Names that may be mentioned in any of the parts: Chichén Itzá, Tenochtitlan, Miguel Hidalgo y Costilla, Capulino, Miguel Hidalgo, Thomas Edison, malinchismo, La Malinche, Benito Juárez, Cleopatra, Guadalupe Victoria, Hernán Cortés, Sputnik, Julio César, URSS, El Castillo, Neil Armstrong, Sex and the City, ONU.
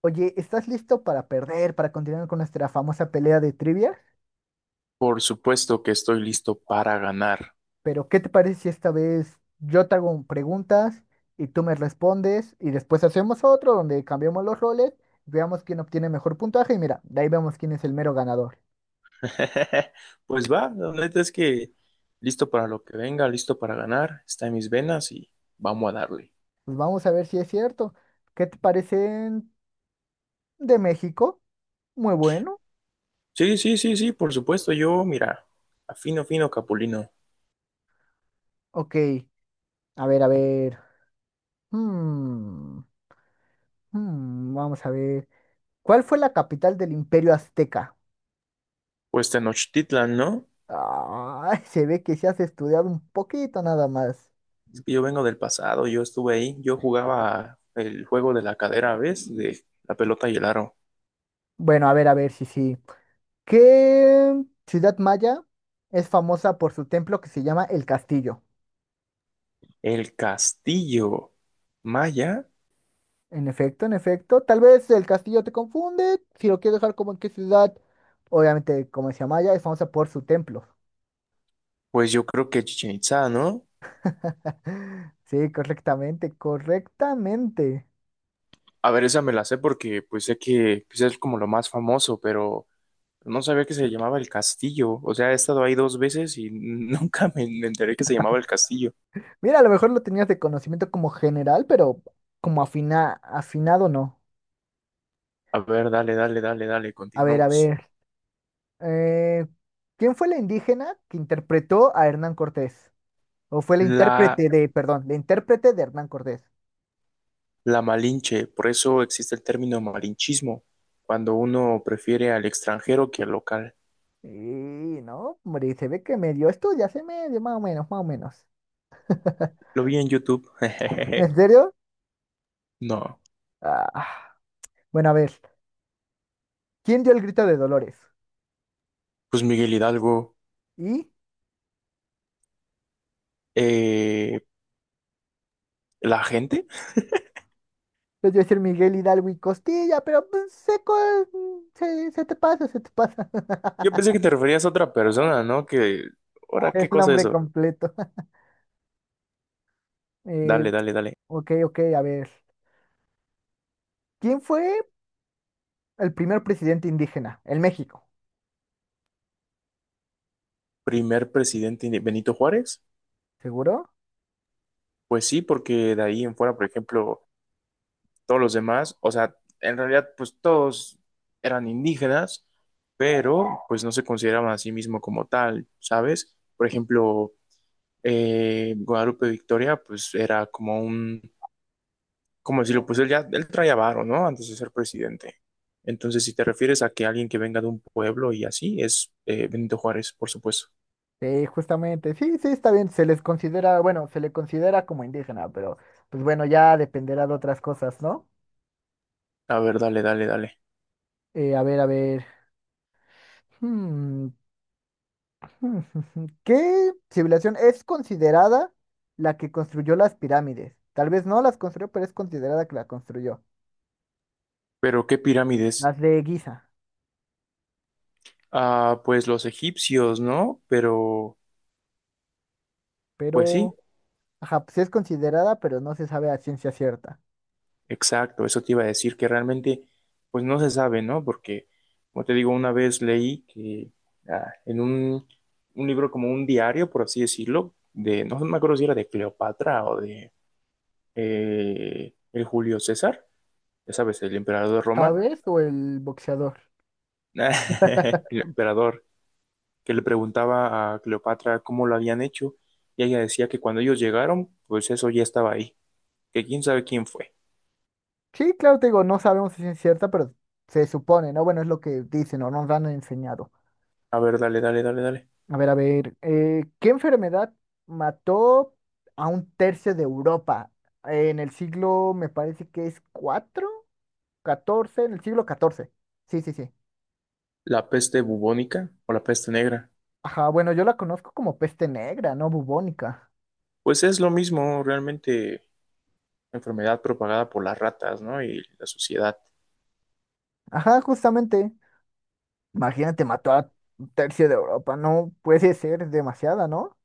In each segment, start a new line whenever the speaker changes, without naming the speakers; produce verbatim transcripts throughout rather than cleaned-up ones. Oye, ¿estás listo para perder, para continuar con nuestra famosa pelea de trivia?
Por supuesto que estoy listo para ganar.
Pero, ¿qué te parece si esta vez yo te hago preguntas y tú me respondes y después hacemos otro donde cambiamos los roles, veamos quién obtiene mejor puntaje y mira, de ahí vemos quién es el mero ganador.
Pues va, la neta es que listo para lo que venga, listo para ganar, está en mis venas y vamos a darle.
Pues vamos a ver si es cierto. ¿Qué te parecen de México? Muy bueno.
Sí, sí, sí, sí, por supuesto, yo, mira, afino, fino, Capulino.
Ok, a ver, a ver. Hmm, hmm, vamos a ver. ¿Cuál fue la capital del Imperio Azteca?
Pues Tenochtitlan, ¿no?
Ah, se ve que se has estudiado un poquito nada más.
Es que yo vengo del pasado, yo estuve ahí, yo jugaba el juego de la cadera, ¿ves? De la pelota y el aro.
Bueno, a ver, a ver, sí, sí. ¿Qué ciudad maya es famosa por su templo que se llama El Castillo?
El castillo maya,
En efecto, en efecto. Tal vez el castillo te confunde. Si lo quieres dejar como en qué ciudad, obviamente, como decía Maya, es famosa por su templo.
pues yo creo que Chichén Itzá, ¿no?
Sí, correctamente, correctamente.
A ver, esa me la sé porque pues sé que pues, es como lo más famoso, pero no sabía que se llamaba El Castillo. O sea, he estado ahí dos veces y nunca me, me enteré que se llamaba El Castillo.
Mira, a lo mejor lo tenías de conocimiento como general, pero como afina, afinado no.
A ver, dale, dale, dale, dale,
A ver, a
continuemos.
ver. Eh, ¿quién fue la indígena que interpretó a Hernán Cortés? ¿O fue la
La,
intérprete de, perdón, la intérprete de Hernán Cortés?
la Malinche, por eso existe el término malinchismo, cuando uno prefiere al extranjero que al local.
Y no, hombre, se ve que medio ya se medio, más o menos, más o menos.
Lo vi en YouTube.
¿En serio?
No,
Ah, bueno, a ver, ¿quién dio el grito de Dolores?
pues Miguel Hidalgo,
Y
eh, la gente.
pues yo decir Miguel Hidalgo y Costilla, pero pues, se, se, se te pasa, se te pasa
Yo pensé que te referías a otra persona, ¿no? Que, ahora,
el
¿qué cosa es
nombre
eso?
completo. Eh,
Dale, dale, dale.
ok, ok, a ver. ¿Quién fue el primer presidente indígena? El México,
Primer presidente inde- Benito Juárez.
¿seguro?
Pues sí, porque de ahí en fuera, por ejemplo, todos los demás, o sea, en realidad, pues todos eran indígenas, pero pues no se consideraban a sí mismo como tal, ¿sabes? Por ejemplo, eh, Guadalupe Victoria, pues era como un, ¿cómo decirlo? Pues él ya, él traía varo, ¿no? Antes de ser presidente. Entonces, si te refieres a que alguien que venga de un pueblo y así, es eh, Benito Juárez, por supuesto.
Sí, justamente, sí, sí, está bien, se les considera, bueno, se le considera como indígena, pero pues bueno, ya dependerá de otras cosas, ¿no?
A ver, dale, dale, dale.
Eh, a ver, a ver, hmm, hmm, hmm, hmm, ¿qué civilización es considerada la que construyó las pirámides? Tal vez no las construyó, pero es considerada que la construyó.
Pero, ¿qué pirámides?
Las de Giza,
Ah, pues los egipcios, ¿no? Pero, pues sí,
pero, ajá, pues sí es considerada, pero no se sabe a ciencia cierta.
exacto, eso te iba a decir que realmente, pues no se sabe, ¿no? Porque, como te digo, una vez leí que ah, en un, un libro como un diario, por así decirlo, de, no me acuerdo si era de Cleopatra o de eh, el Julio César, ya sabes, el emperador de Roma,
¿Chávez o el boxeador?
el emperador que le preguntaba a Cleopatra cómo lo habían hecho, y ella decía que cuando ellos llegaron, pues eso ya estaba ahí, que quién sabe quién fue.
Sí, claro, te digo, no sabemos si es cierta, pero se supone, ¿no? Bueno, es lo que dicen o nos han enseñado.
A ver, dale, dale, dale, dale.
A ver, a ver, eh, ¿qué enfermedad mató a un tercio de Europa en el siglo, me parece que es cuatro catorce, en el siglo catorce. Sí, sí, sí.
¿La peste bubónica o la peste negra?
Ajá, bueno, yo la conozco como peste negra, ¿no? Bubónica.
Pues es lo mismo, realmente enfermedad propagada por las ratas, ¿no? Y la suciedad.
Ajá, justamente. Imagínate, mató a un tercio de Europa, no puede ser demasiada, ¿no?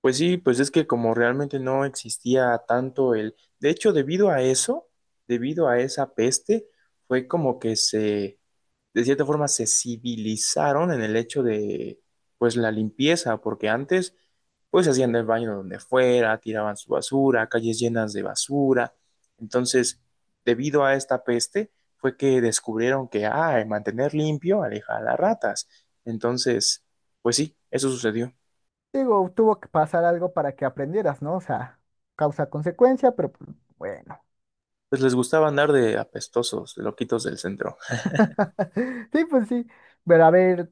Pues sí, pues es que como realmente no existía tanto el... De hecho, debido a eso, debido a esa peste, fue como que se de cierta forma se civilizaron en el hecho de, pues, la limpieza, porque antes, pues, hacían el baño donde fuera, tiraban su basura, calles llenas de basura. Entonces, debido a esta peste, fue que descubrieron que, ah, mantener limpio aleja a las ratas. Entonces, pues sí, eso sucedió.
Digo, tuvo que pasar algo para que aprendieras, ¿no? O sea, causa-consecuencia, pero pues, bueno.
Pues les gustaba andar de apestosos, de loquitos del centro.
Sí, pues sí. Pero a ver,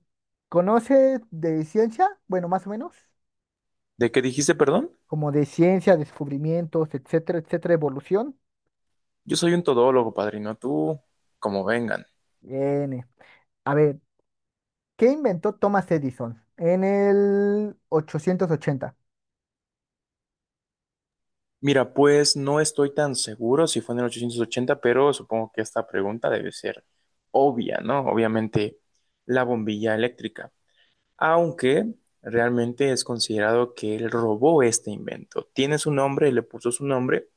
¿conoce de ciencia? Bueno, más o menos.
¿De qué dijiste, perdón?
Como de ciencia, descubrimientos, etcétera, etcétera, evolución.
Yo soy un todólogo, padrino, tú, como vengan.
N. A ver, ¿qué inventó Thomas Edison en el ochocientos ochenta?
Mira, pues no estoy tan seguro si fue en el ochocientos ochenta, pero supongo que esta pregunta debe ser obvia, ¿no? Obviamente la bombilla eléctrica, aunque realmente es considerado que él robó este invento. Tiene su nombre, le puso su nombre,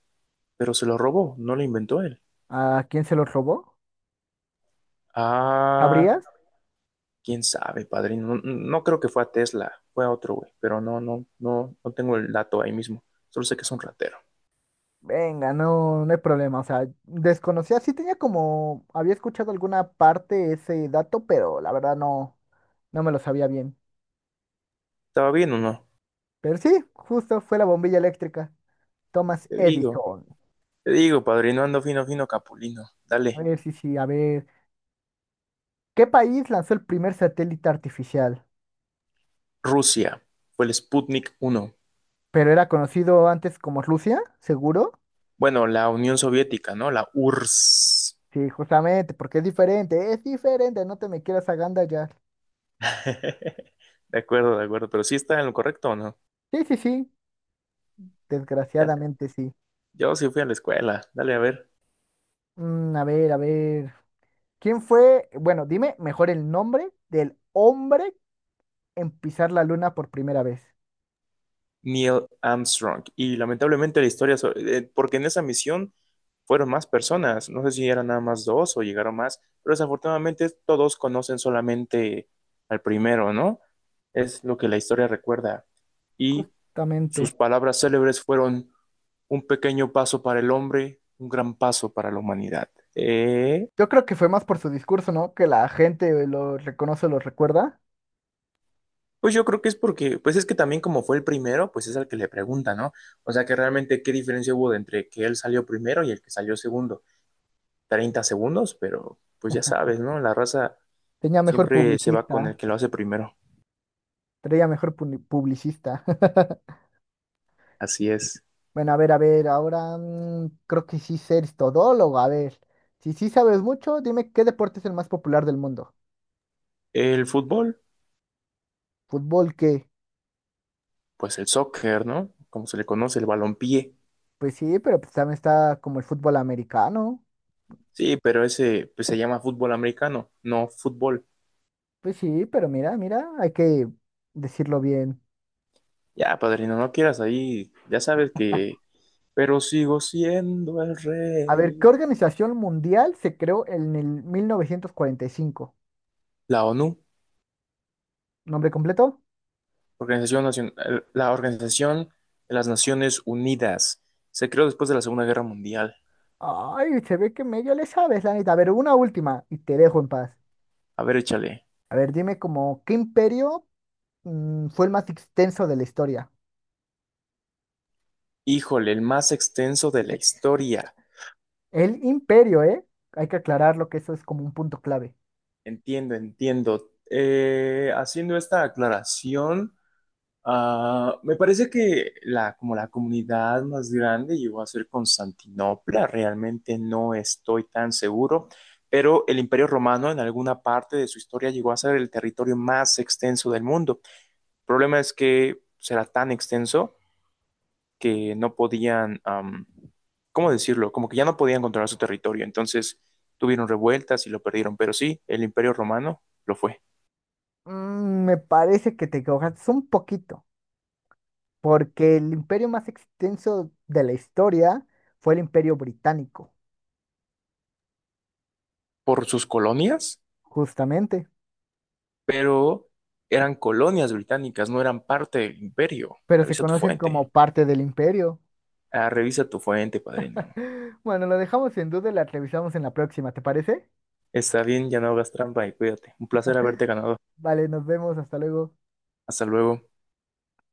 pero se lo robó, no lo inventó él.
¿A quién se lo robó?
Ah,
¿Sabrías?
quién sabe, padrino. No, no creo que fue a Tesla, fue a otro güey, pero no, no, no, no tengo el dato ahí mismo. Solo sé que es un ratero.
Venga, no, no hay problema. O sea, desconocía, sí tenía como, había escuchado alguna parte ese dato, pero la verdad no, no me lo sabía bien.
¿Estaba bien o no?
Pero sí, justo fue la bombilla eléctrica. Thomas
Te digo.
Edison.
Te digo, padrino, ando fino, fino, capulino.
A
Dale.
ver, sí, sí, a ver. ¿Qué país lanzó el primer satélite artificial?
Rusia fue el Sputnik uno.
Pero era conocido antes como Rusia, seguro.
Bueno, la Unión Soviética, ¿no? La U R S S.
Sí, justamente, porque es diferente, es diferente, no te me quieras agandallar.
De acuerdo, de acuerdo. Pero sí está en lo correcto, ¿o no?
Sí, sí, sí,
Ya-
desgraciadamente sí.
yo sí fui a la escuela. Dale, a ver.
Mm, a ver, a ver. ¿Quién fue, bueno, dime mejor el nombre del hombre en pisar la luna por primera vez?
Neil Armstrong. Y lamentablemente la historia, so- eh, porque en esa misión fueron más personas. No sé si eran nada más dos o llegaron más. Pero desafortunadamente todos conocen solamente al primero, ¿no? Es lo que la historia recuerda. Y
Justamente.
sus palabras célebres fueron un pequeño paso para el hombre, un gran paso para la humanidad. Eh,
Yo creo que fue más por su discurso, ¿no? Que la gente lo reconoce, lo recuerda.
pues yo creo que es porque, pues es que también como fue el primero, pues es al que le pregunta, ¿no? O sea que realmente qué diferencia hubo entre que él salió primero y el que salió segundo. Treinta segundos, pero pues ya sabes, ¿no? La raza
Tenía mejor
siempre se va con el
publicista,
que lo hace primero.
tenía mejor puni- publicista.
Así es.
Bueno, a ver, a ver, ahora mm, creo que sí eres todólogo, a ver. Si sí sabes mucho, dime qué deporte es el más popular del mundo.
El fútbol,
¿Fútbol qué?
pues el soccer, ¿no? Como se le conoce, el balompié.
Pues sí, pero pues también está como el fútbol americano.
Sí, pero ese pues se llama fútbol americano, no fútbol.
Pues sí, pero mira, mira, hay que decirlo bien.
Ya, padrino, no quieras ahí. Ya sabes que. Pero sigo siendo el
A ver, ¿qué
rey.
organización mundial se creó en el mil novecientos cuarenta y cinco?
La O N U,
¿Nombre completo?
Organización Nacion- eh, la Organización de las Naciones Unidas, se creó después de la Segunda Guerra Mundial.
Ay, se ve que medio le sabes, la neta. A ver, una última y te dejo en paz.
A ver, échale.
A ver, dime como, ¿qué imperio mm, fue el más extenso de la historia?
Híjole, el más extenso de la historia.
El imperio, ¿eh? Hay que aclararlo que eso es como un punto clave.
Entiendo, entiendo. Eh, haciendo esta aclaración, ah, me parece que la, como la comunidad más grande llegó a ser Constantinopla, realmente no estoy tan seguro, pero el Imperio Romano en alguna parte de su historia llegó a ser el territorio más extenso del mundo. El problema es que será tan extenso que no podían, am, ¿cómo decirlo? Como que ya no podían controlar su territorio, entonces tuvieron revueltas y lo perdieron, pero sí, el Imperio Romano lo fue.
Mm, me parece que te equivocaste un poquito, porque el imperio más extenso de la historia fue el imperio británico.
Por sus colonias.
Justamente,
Pero eran colonias británicas, no eran parte del imperio.
pero se
Revisa tu
conocen
fuente.
como parte del imperio.
Ah, revisa tu fuente, padrino.
Bueno, lo dejamos en duda y la revisamos en la próxima, ¿te parece?
Está bien, ya no hagas trampa y cuídate. Un placer haberte ganado.
Vale, nos vemos, hasta luego.
Hasta luego.